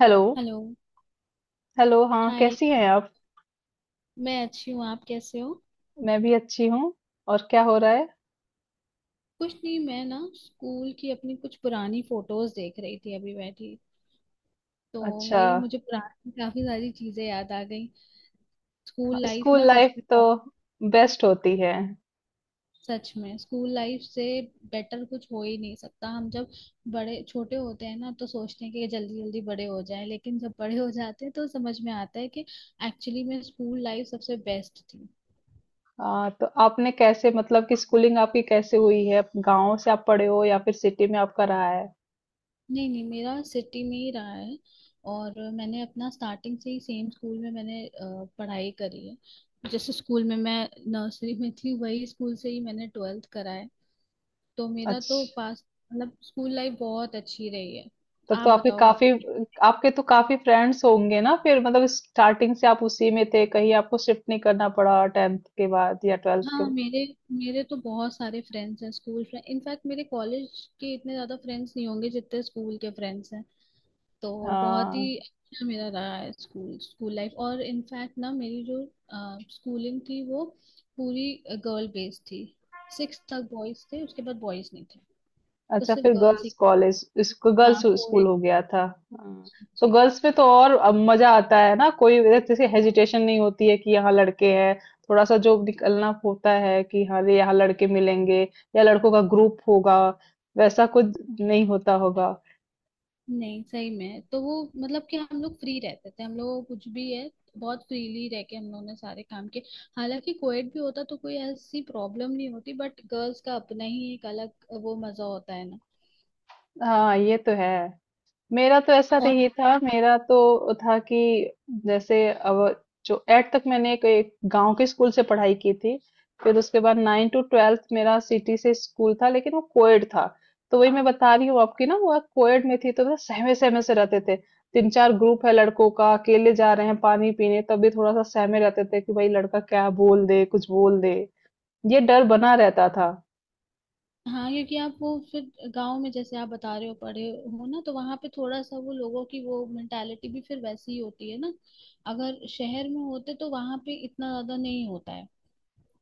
Hello. Hello. Hello, हाँ hi. कैसी हैं आप? मैं अच्छी हूँ, आप कैसे हो? मैं भी अच्छी हूँ। और क्या हो रहा है? कुछ नहीं, मैं ना स्कूल की अपनी कुछ पुरानी फोटोज देख रही थी, अभी बैठी तो अच्छा। वही मुझे पुरानी काफी सारी चीजें याद आ गई। स्कूल लाइफ स्कूल ना सच लाइफ में तो बहुत-। बेस्ट होती है। सच में स्कूल लाइफ से बेटर कुछ हो ही नहीं सकता। हम जब बड़े छोटे होते हैं ना तो सोचते हैं कि जल्दी जल्दी बड़े हो जाएं, लेकिन जब बड़े हो जाते हैं तो समझ में आता है कि एक्चुअली में स्कूल लाइफ सबसे बेस्ट थी। हाँ तो आपने कैसे, मतलब कि स्कूलिंग आपकी कैसे हुई है? गांव से आप पढ़े हो या फिर सिटी में आपका रहा है? नहीं नहीं, मेरा सिटी में ही रहा है। और मैंने अपना स्टार्टिंग से ही सेम स्कूल में मैंने पढ़ाई करी है। जैसे स्कूल में मैं नर्सरी में थी वही स्कूल से ही मैंने ट्वेल्थ करा है। तो मेरा तो अच्छा। पास मतलब स्कूल लाइफ बहुत अच्छी रही है। तब आप तो आपके बताओ आप। काफी, आपके तो काफी फ्रेंड्स होंगे ना। फिर मतलब स्टार्टिंग से आप उसी में थे, कहीं आपको शिफ्ट नहीं करना पड़ा टेंथ के बाद या ट्वेल्थ हाँ, के? मेरे मेरे तो बहुत सारे फ्रेंड्स हैं स्कूल फ्रेंड। इनफैक्ट मेरे कॉलेज के इतने ज्यादा फ्रेंड्स नहीं होंगे जितने स्कूल के फ्रेंड्स हैं। तो बहुत ही हाँ। अच्छा मेरा रहा है स्कूल स्कूल लाइफ। और इनफैक्ट ना मेरी जो स्कूलिंग थी वो पूरी गर्ल बेस्ड थी। सिक्स तक बॉयज थे, उसके बाद बॉयज नहीं थे। तो अच्छा, सिर्फ फिर गर्ल्स गर्ल्स ही। कॉलेज, इसको गर्ल्स हाँ, स्कूल कोएड। हो गया था। हाँ। तो जी हाँ। गर्ल्स में तो और अब मजा आता है ना, कोई जैसे जी। हेजिटेशन नहीं होती है कि यहाँ लड़के हैं। थोड़ा सा जो निकलना होता है कि हाँ ये यहाँ लड़के मिलेंगे या लड़कों का ग्रुप होगा, वैसा कुछ नहीं होता होगा। नहीं, सही में तो वो मतलब कि हम लोग फ्री रहते थे, हम लोग कुछ भी है। बहुत फ्रीली रह के हम लोगों ने सारे काम किए। हालांकि कोएड भी होता तो कोई ऐसी प्रॉब्लम नहीं होती, बट गर्ल्स का अपना ही एक अलग वो मजा होता है ना। हाँ ये तो है। मेरा तो ऐसा और नहीं था। मेरा तो था कि जैसे अब जो एट तक मैंने एक गांव के स्कूल से पढ़ाई की थी, फिर उसके बाद नाइन टू ट्वेल्थ मेरा सिटी से स्कूल था, लेकिन वो कोएड था। तो वही मैं बता रही हूँ आपकी ना, वो कोएड में थी तो ना सहमे सहमे से रहते थे। तीन चार ग्रुप है लड़कों का, अकेले जा रहे हैं पानी पीने तब भी थोड़ा सा सहमे रहते थे कि भाई लड़का क्या बोल दे, कुछ बोल दे। ये डर बना रहता था। हाँ, क्योंकि आप वो फिर गांव में जैसे आप बता रहे हो पढ़े हो ना, तो वहां पे थोड़ा सा वो लोगों की वो मेंटालिटी भी फिर वैसी ही होती है ना। अगर शहर में होते तो वहां पे इतना ज्यादा नहीं होता है।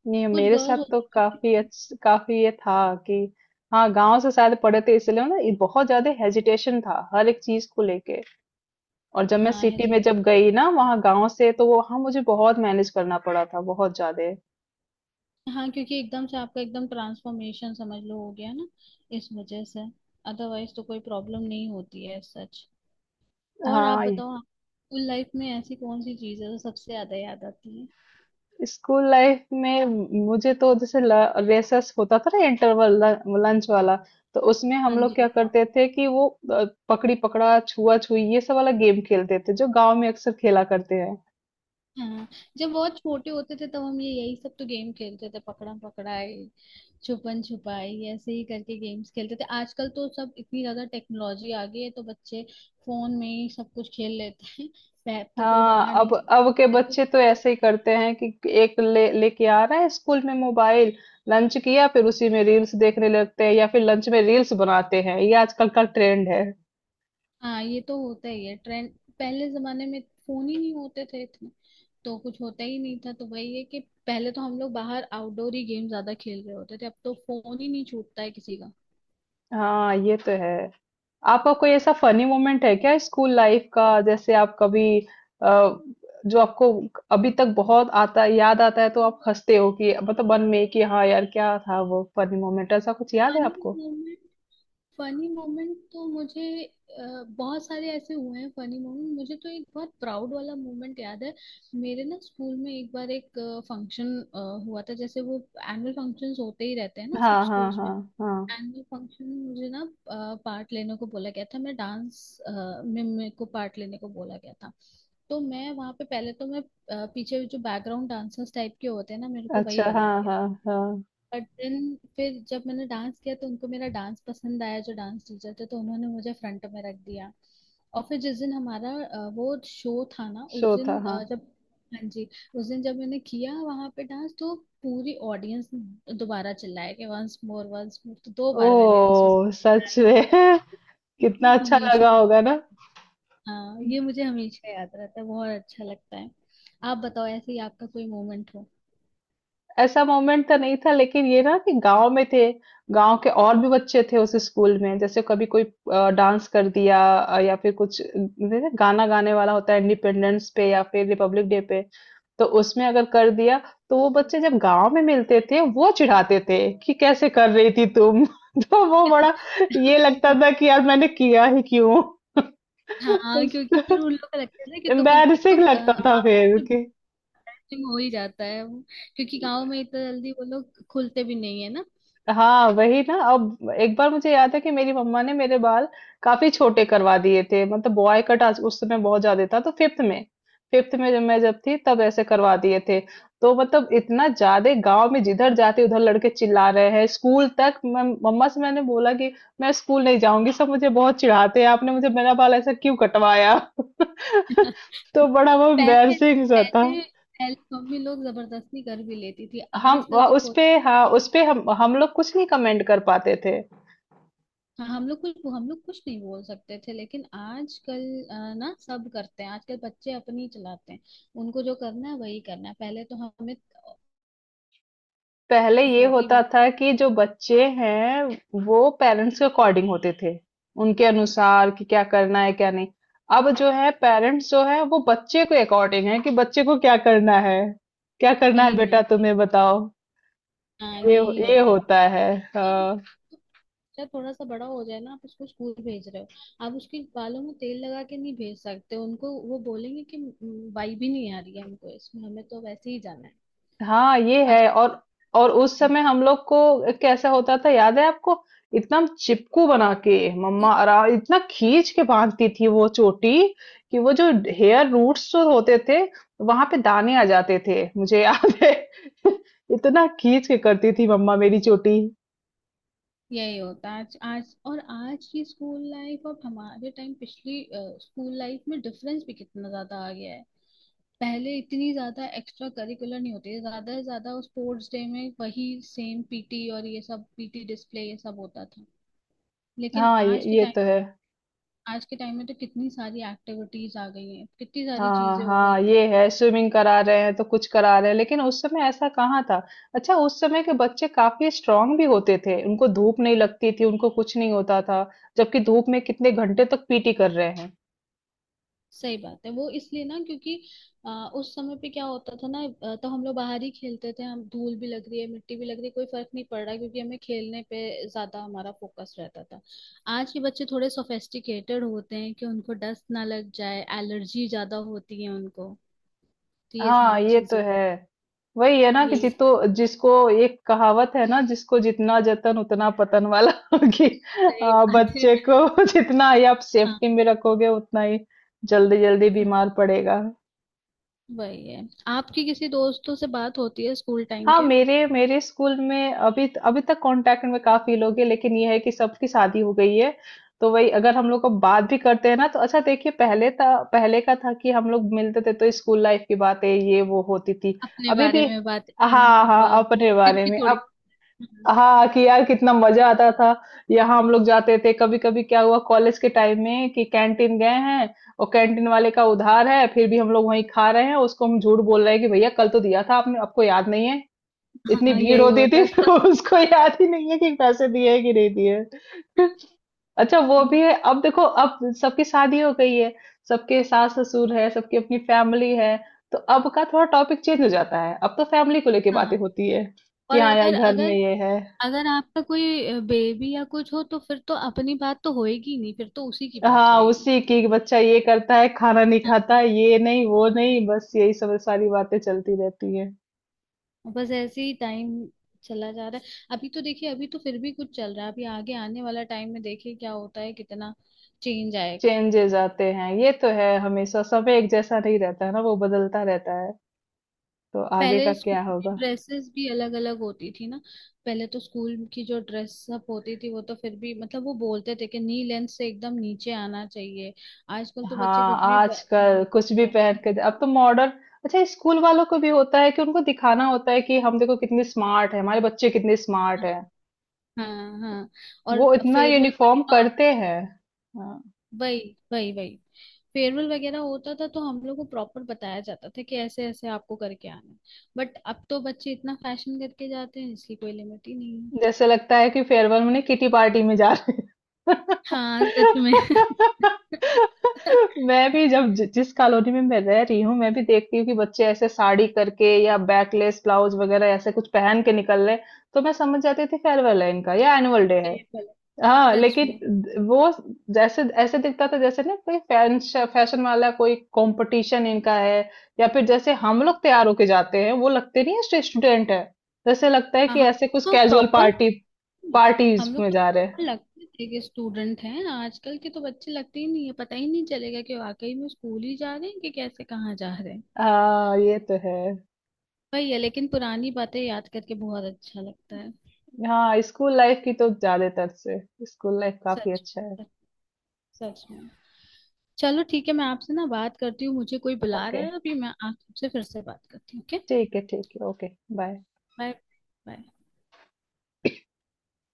नहीं कुछ मेरे साथ गर्ल्स तो होती हैं जो-। काफी ये था कि हाँ, गांव से शायद पढ़े थे इसलिए ना, ये बहुत ज्यादा हेजिटेशन था हर एक चीज को लेके। और जब मैं हाँ, सिटी हेजिट। में जब गई ना वहाँ गांव से, तो वो वहाँ मुझे बहुत मैनेज करना पड़ा था, बहुत ज्यादा। हाँ, क्योंकि एकदम से आपका एकदम ट्रांसफॉर्मेशन समझ लो हो गया ना, इस वजह से। अदरवाइज तो कोई प्रॉब्लम नहीं होती है, सच। और आप हाँ। बताओ स्कूल लाइफ में ऐसी कौन सी चीज है जो सबसे ज्यादा याद आती है? स्कूल लाइफ में मुझे तो जैसे रेसेस होता था ना, इंटरवल, लंच वाला, तो उसमें हाँ, हम लोग जी क्या हाँ। करते थे कि वो पकड़ी पकड़ा, छुआ छुई, ये सब वाला गेम खेलते थे जो गांव में अक्सर खेला करते हैं। हाँ, जब बहुत छोटे होते थे तब हम ये यही सब तो गेम खेलते थे। पकड़म पकड़ाई, छुपन छुपाई ऐसे ही करके गेम्स खेलते थे। आजकल तो सब इतनी ज्यादा टेक्नोलॉजी आ गई है तो बच्चे फोन में ही सब कुछ खेल लेते हैं। पैर तो कोई हाँ, बाहर नहीं अब के जाते, तो बच्चे तो sports-। ऐसे ही करते हैं कि एक ले लेके आ रहा है स्कूल में मोबाइल, लंच किया फिर उसी में रील्स देखने लगते हैं या फिर लंच में रील्स बनाते हैं, ये आजकल का ट्रेंड है। हाँ, ये तो होता ही है ट्रेंड। पहले जमाने में फोन ही नहीं होते थे इतने, तो कुछ होता ही नहीं था। तो वही है कि पहले तो हम लोग बाहर आउटडोर ही गेम ज्यादा खेल रहे होते थे, अब तो फोन ही नहीं छूटता है किसी का। हाँ ये तो है। आपका कोई ऐसा फनी मोमेंट है क्या स्कूल लाइफ का? जैसे आप कभी जो आपको अभी तक बहुत आता, याद आता है तो आप हंसते हो कि मतलब मन में कि हाँ यार क्या था वो फनी मोमेंट, ऐसा कुछ याद है आपको? फनी फनी मोमेंट तो मुझे अ, बहुत सारे ऐसे हुए हैं। फनी मोमेंट मुझे तो एक बहुत प्राउड वाला मोमेंट याद है। मेरे ना स्कूल में एक बार एक फंक्शन हुआ था। जैसे वो एनुअल फंक्शंस होते ही रहते हैं ना सब हाँ, हाँ, स्कूल्स में, हाँ। हाँ। एनुअल फंक्शन में मुझे ना पार्ट लेने को बोला गया था। मैं डांस में, मेरे को पार्ट लेने को बोला गया था। तो मैं वहाँ पे पहले तो मैं पीछे जो बैकग्राउंड डांसर्स टाइप के होते हैं ना, मेरे को वही अच्छा, बनाया हाँ, गया। हाँ। हाँ। बट देन फिर जब मैंने डांस किया तो उनको मेरा डांस पसंद आया, जो डांस टीचर थे तो उन्होंने मुझे फ्रंट में रख दिया। और फिर जिस दिन हमारा वो शो था ना, उस शो था, दिन हाँ। जब हाँ जी, उस दिन जब मैंने किया वहां पे डांस, तो पूरी ऑडियंस दोबारा चिल्लाया कि वंस मोर वंस मोर, तो दो बार मैंने उसी। ओह सच में। कितना ये अच्छा हमेशा लगा मुझे होगा ना। याद। हाँ, ये मुझे हमेशा याद रहता है, बहुत अच्छा लगता है। आप बताओ ऐसे ही आपका कोई मोमेंट हो। ऐसा मोमेंट तो नहीं था, लेकिन ये ना कि गांव में थे, गांव के और भी बच्चे थे उस स्कूल में। जैसे कभी कोई डांस कर दिया या फिर कुछ जैसे गाना गाने वाला होता है इंडिपेंडेंस पे या फिर रिपब्लिक डे पे, तो उसमें अगर कर दिया, तो वो बच्चे जब गांव में मिलते थे वो चिढ़ाते थे कि कैसे कर रही थी तुम। तो वो बड़ा ये लगता था कि यार मैंने किया ही क्यों। हाँ, क्योंकि उस- फिर उन लोग का लगता है ना कि तुम एक तो एम्बैरसिंग लगता था बाप फिर के कि bashing हो ही जाता है वो। क्योंकि गांव में इतना जल्दी वो लोग खुलते भी नहीं है ना। हाँ वही ना। अब एक बार मुझे याद है कि मेरी मम्मा ने मेरे बाल काफी छोटे करवा दिए थे, मतलब बॉय कट आज, उस समय बहुत ज्यादा था, तो फिफ्थ में, फिफ्थ में जब मैं जब थी तब ऐसे करवा दिए थे। तो मतलब इतना ज्यादा, गांव में जिधर जाते उधर लड़के चिल्ला रहे हैं। स्कूल तक मैं मम्मा से मैंने बोला कि मैं स्कूल नहीं जाऊंगी, सब मुझे बहुत चिढ़ाते हैं, आपने मुझे मेरा बाल ऐसा क्यों कटवाया। तो पहले बड़ा वो एम्बैरसिंग सा था। पहले पहले मम्मी लोग जबरदस्ती कर भी लेती थी, हम आजकल तो उस कोई पे, नहीं हाँ करता। उस पे हम लोग कुछ नहीं कमेंट कर पाते थे। हाँ, हम लोग कुछ नहीं बोल सकते थे, लेकिन आजकल ना सब करते हैं। आजकल बच्चे अपनी चलाते हैं, उनको जो करना है वही करना है। पहले तो हमें पहले ये चोटी होता बन था कि जो बच्चे हैं वो पेरेंट्स के अकॉर्डिंग होते थे, उनके अनुसार कि क्या करना है क्या नहीं। अब जो है पेरेंट्स जो है वो बच्चे के अकॉर्डिंग है कि बच्चे को क्या करना है, क्या करना है यही बेटा में। तुम्हें बताओ। हाँ, ये यही ये होता है। होता है। हाँ। बच्चा थोड़ा सा बड़ा हो जाए ना, आप उसको स्कूल भेज रहे हो, आप उसके बालों में तेल लगा के नहीं भेज सकते। उनको वो बोलेंगे कि बाई भी नहीं आ रही है हमको इसमें, हमें तो वैसे ही जाना है हाँ ये है। आजकल। और उस समय हम लोग को कैसा होता था याद है आपको? इतना चिपकू बना के मम्मा आरा इतना खींच के बांधती थी वो चोटी कि वो जो हेयर रूट्स जो होते थे, वहां पे दाने आ जाते थे, मुझे याद है। इतना खींच के करती थी मम्मा मेरी चोटी। यही होता है आज, आज और आज की स्कूल लाइफ और हमारे टाइम पिछली स्कूल लाइफ में डिफरेंस भी कितना ज्यादा आ गया है। पहले इतनी ज्यादा एक्स्ट्रा करिकुलर नहीं होती थी, ज्यादा से ज्यादा स्पोर्ट्स डे में वही सेम पीटी और ये सब पीटी डिस्प्ले ये सब होता था। लेकिन आज के ये तो टाइम, है। आज के टाइम में तो कितनी सारी एक्टिविटीज आ गई हैं, कितनी सारी हाँ, चीजें हो गई। हाँ ये है। स्विमिंग करा रहे हैं तो कुछ करा रहे हैं, लेकिन उस समय ऐसा कहाँ था। अच्छा, उस समय के बच्चे काफी स्ट्रांग भी होते थे, उनको धूप नहीं लगती थी, उनको कुछ नहीं होता था। जबकि धूप में कितने घंटे तक पीटी कर रहे हैं। सही बात है, वो इसलिए ना क्योंकि उस समय पे क्या होता था ना, तो हम लोग बाहर ही खेलते थे। हम धूल भी लग रही है, मिट्टी भी लग रही है, कोई फर्क नहीं पड़ रहा क्योंकि हमें खेलने पे ज्यादा हमारा फोकस रहता था। आज के बच्चे थोड़े सोफेस्टिकेटेड होते हैं कि उनको डस्ट ना लग जाए, एलर्जी ज्यादा होती है उनको, तो ये हाँ सारी ये तो चीजें। है। वही है ना कि यही जितो जिसको, एक कहावत है ना, जिसको जितना जतन उतना पतन वाला। कि सही बात है। बच्चे को जितना ही आप हाँ। सेफ्टी में रखोगे उतना ही जल्दी जल्दी हम्म। बीमार पड़ेगा। वही है, आपकी किसी दोस्तों से बात होती है स्कूल टाइम हाँ के? मेरे मेरे स्कूल में अभी, अभी तक कांटेक्ट में काफी लोग हैं, लेकिन ये है कि सबकी शादी हो गई है। तो वही अगर हम लोग को बात भी करते हैं ना तो, अच्छा देखिए पहले था, पहले का था कि हम लोग मिलते थे तो स्कूल लाइफ की बातें ये वो होती थी। अपने अभी बारे भी, में बात, मम्मी हाँ, हाँ पापा अपने फिर बारे भी में थोड़ी। अब, हाँ कि यार कितना मजा आता था, यहाँ हम लोग जाते थे। कभी कभी क्या हुआ कॉलेज के टाइम में कि कैंटीन गए हैं और कैंटीन वाले का उधार है, फिर भी हम लोग वहीं खा रहे हैं। उसको हम झूठ बोल रहे हैं कि भैया कल तो दिया था आपने, आपको याद नहीं है, इतनी हाँ, भीड़ यही होती थी। होता था। तो उसको याद ही नहीं है कि पैसे दिए हैं कि नहीं दिए हैं। अच्छा वो भी हम्म। है, अब देखो अब सबकी शादी हो गई है, सबके सास ससुर है, सबकी अपनी फैमिली है। तो अब का थोड़ा टॉपिक चेंज हो जाता है, अब तो फैमिली को लेके हाँ। बातें होती है कि और हाँ यार अगर घर में अगर ये है। अगर आपका कोई बेबी या कुछ हो तो फिर तो अपनी बात तो होएगी नहीं, फिर तो उसी की बात हाँ होएगी। उसी की, बच्चा ये करता है, खाना नहीं हाँ, खाता है, ये नहीं वो नहीं, बस यही सब सारी बातें चलती रहती है। बस ऐसे ही टाइम चला जा रहा है। अभी तो देखिए, अभी तो फिर भी कुछ चल रहा है, अभी आगे आने वाला टाइम में देखिए क्या होता है, कितना चेंज आएगा। चेंजेस आते हैं, ये तो है, हमेशा समय एक जैसा नहीं रहता है ना, वो बदलता रहता है। तो आगे पहले का स्कूल क्या की होगा। ड्रेसेस भी अलग अलग होती थी ना। पहले तो स्कूल की जो ड्रेस अप होती थी वो तो फिर भी मतलब वो बोलते थे कि नी लेंथ से एकदम नीचे आना चाहिए। आजकल तो बच्चे हाँ कुछ भी आजकल कुछ पहनते भी हैं। अब तो मॉडर्न। अच्छा, स्कूल वालों को भी होता है कि उनको दिखाना होता है कि हम देखो कितने स्मार्ट है, हमारे बच्चे कितने स्मार्ट है, हाँ हाँ। वो और इतना फेयरवेल यूनिफॉर्म वगैरह होता करते हैं। हाँ। वही वही वही फेयरवेल वगैरह होता था तो हम लोग को प्रॉपर बताया जाता था कि ऐसे ऐसे आपको करके आना है। बट अब तो बच्चे इतना फैशन करके जाते हैं, इसकी कोई लिमिट ही नहीं है। जैसे लगता है कि फेयरवेल में किटी पार्टी में जा रहे हैं। हाँ सच में। मैं भी जब जिस कॉलोनी में मैं रह रही हूँ मैं भी देखती हूँ कि बच्चे ऐसे साड़ी करके या बैकलेस ब्लाउज वगैरह ऐसे कुछ पहन के निकल रहे हैं, तो मैं समझ जाती थी फेयरवेल है इनका या एनुअल डे है। फेयरवेल, हाँ सच में। लेकिन वो जैसे ऐसे दिखता था जैसे ना कोई फैशन फैशन वाला कोई कंपटीशन इनका है, या फिर जैसे हम लोग तैयार होके जाते हैं वो लगते नहीं है स्टूडेंट है, जैसे लगता है हाँ कि हाँ, ऐसे कुछ तो कैजुअल प्रॉपर पार्टी, हम पार्टीज लोग में तो जा रहे हैं। proper लगते थे कि स्टूडेंट हैं, आजकल के तो बच्चे लगते ही नहीं है, पता ही नहीं चलेगा कि वाकई में स्कूल ही जा रहे हैं कि कैसे कहाँ जा रहे हैं। हाँ ये तो है। वही है, लेकिन पुरानी बातें याद करके बहुत अच्छा लगता है। हाँ स्कूल लाइफ की तो ज्यादातर से, स्कूल लाइफ काफी सच अच्छा में, है। सच सच में। चलो ठीक है, मैं आपसे ना बात करती हूँ, मुझे कोई बुला रहा ओके, है अभी, मैं आपसे फिर से बात करती हूँ, ओके। ठीक है ओके, बाय। बाय। बाय।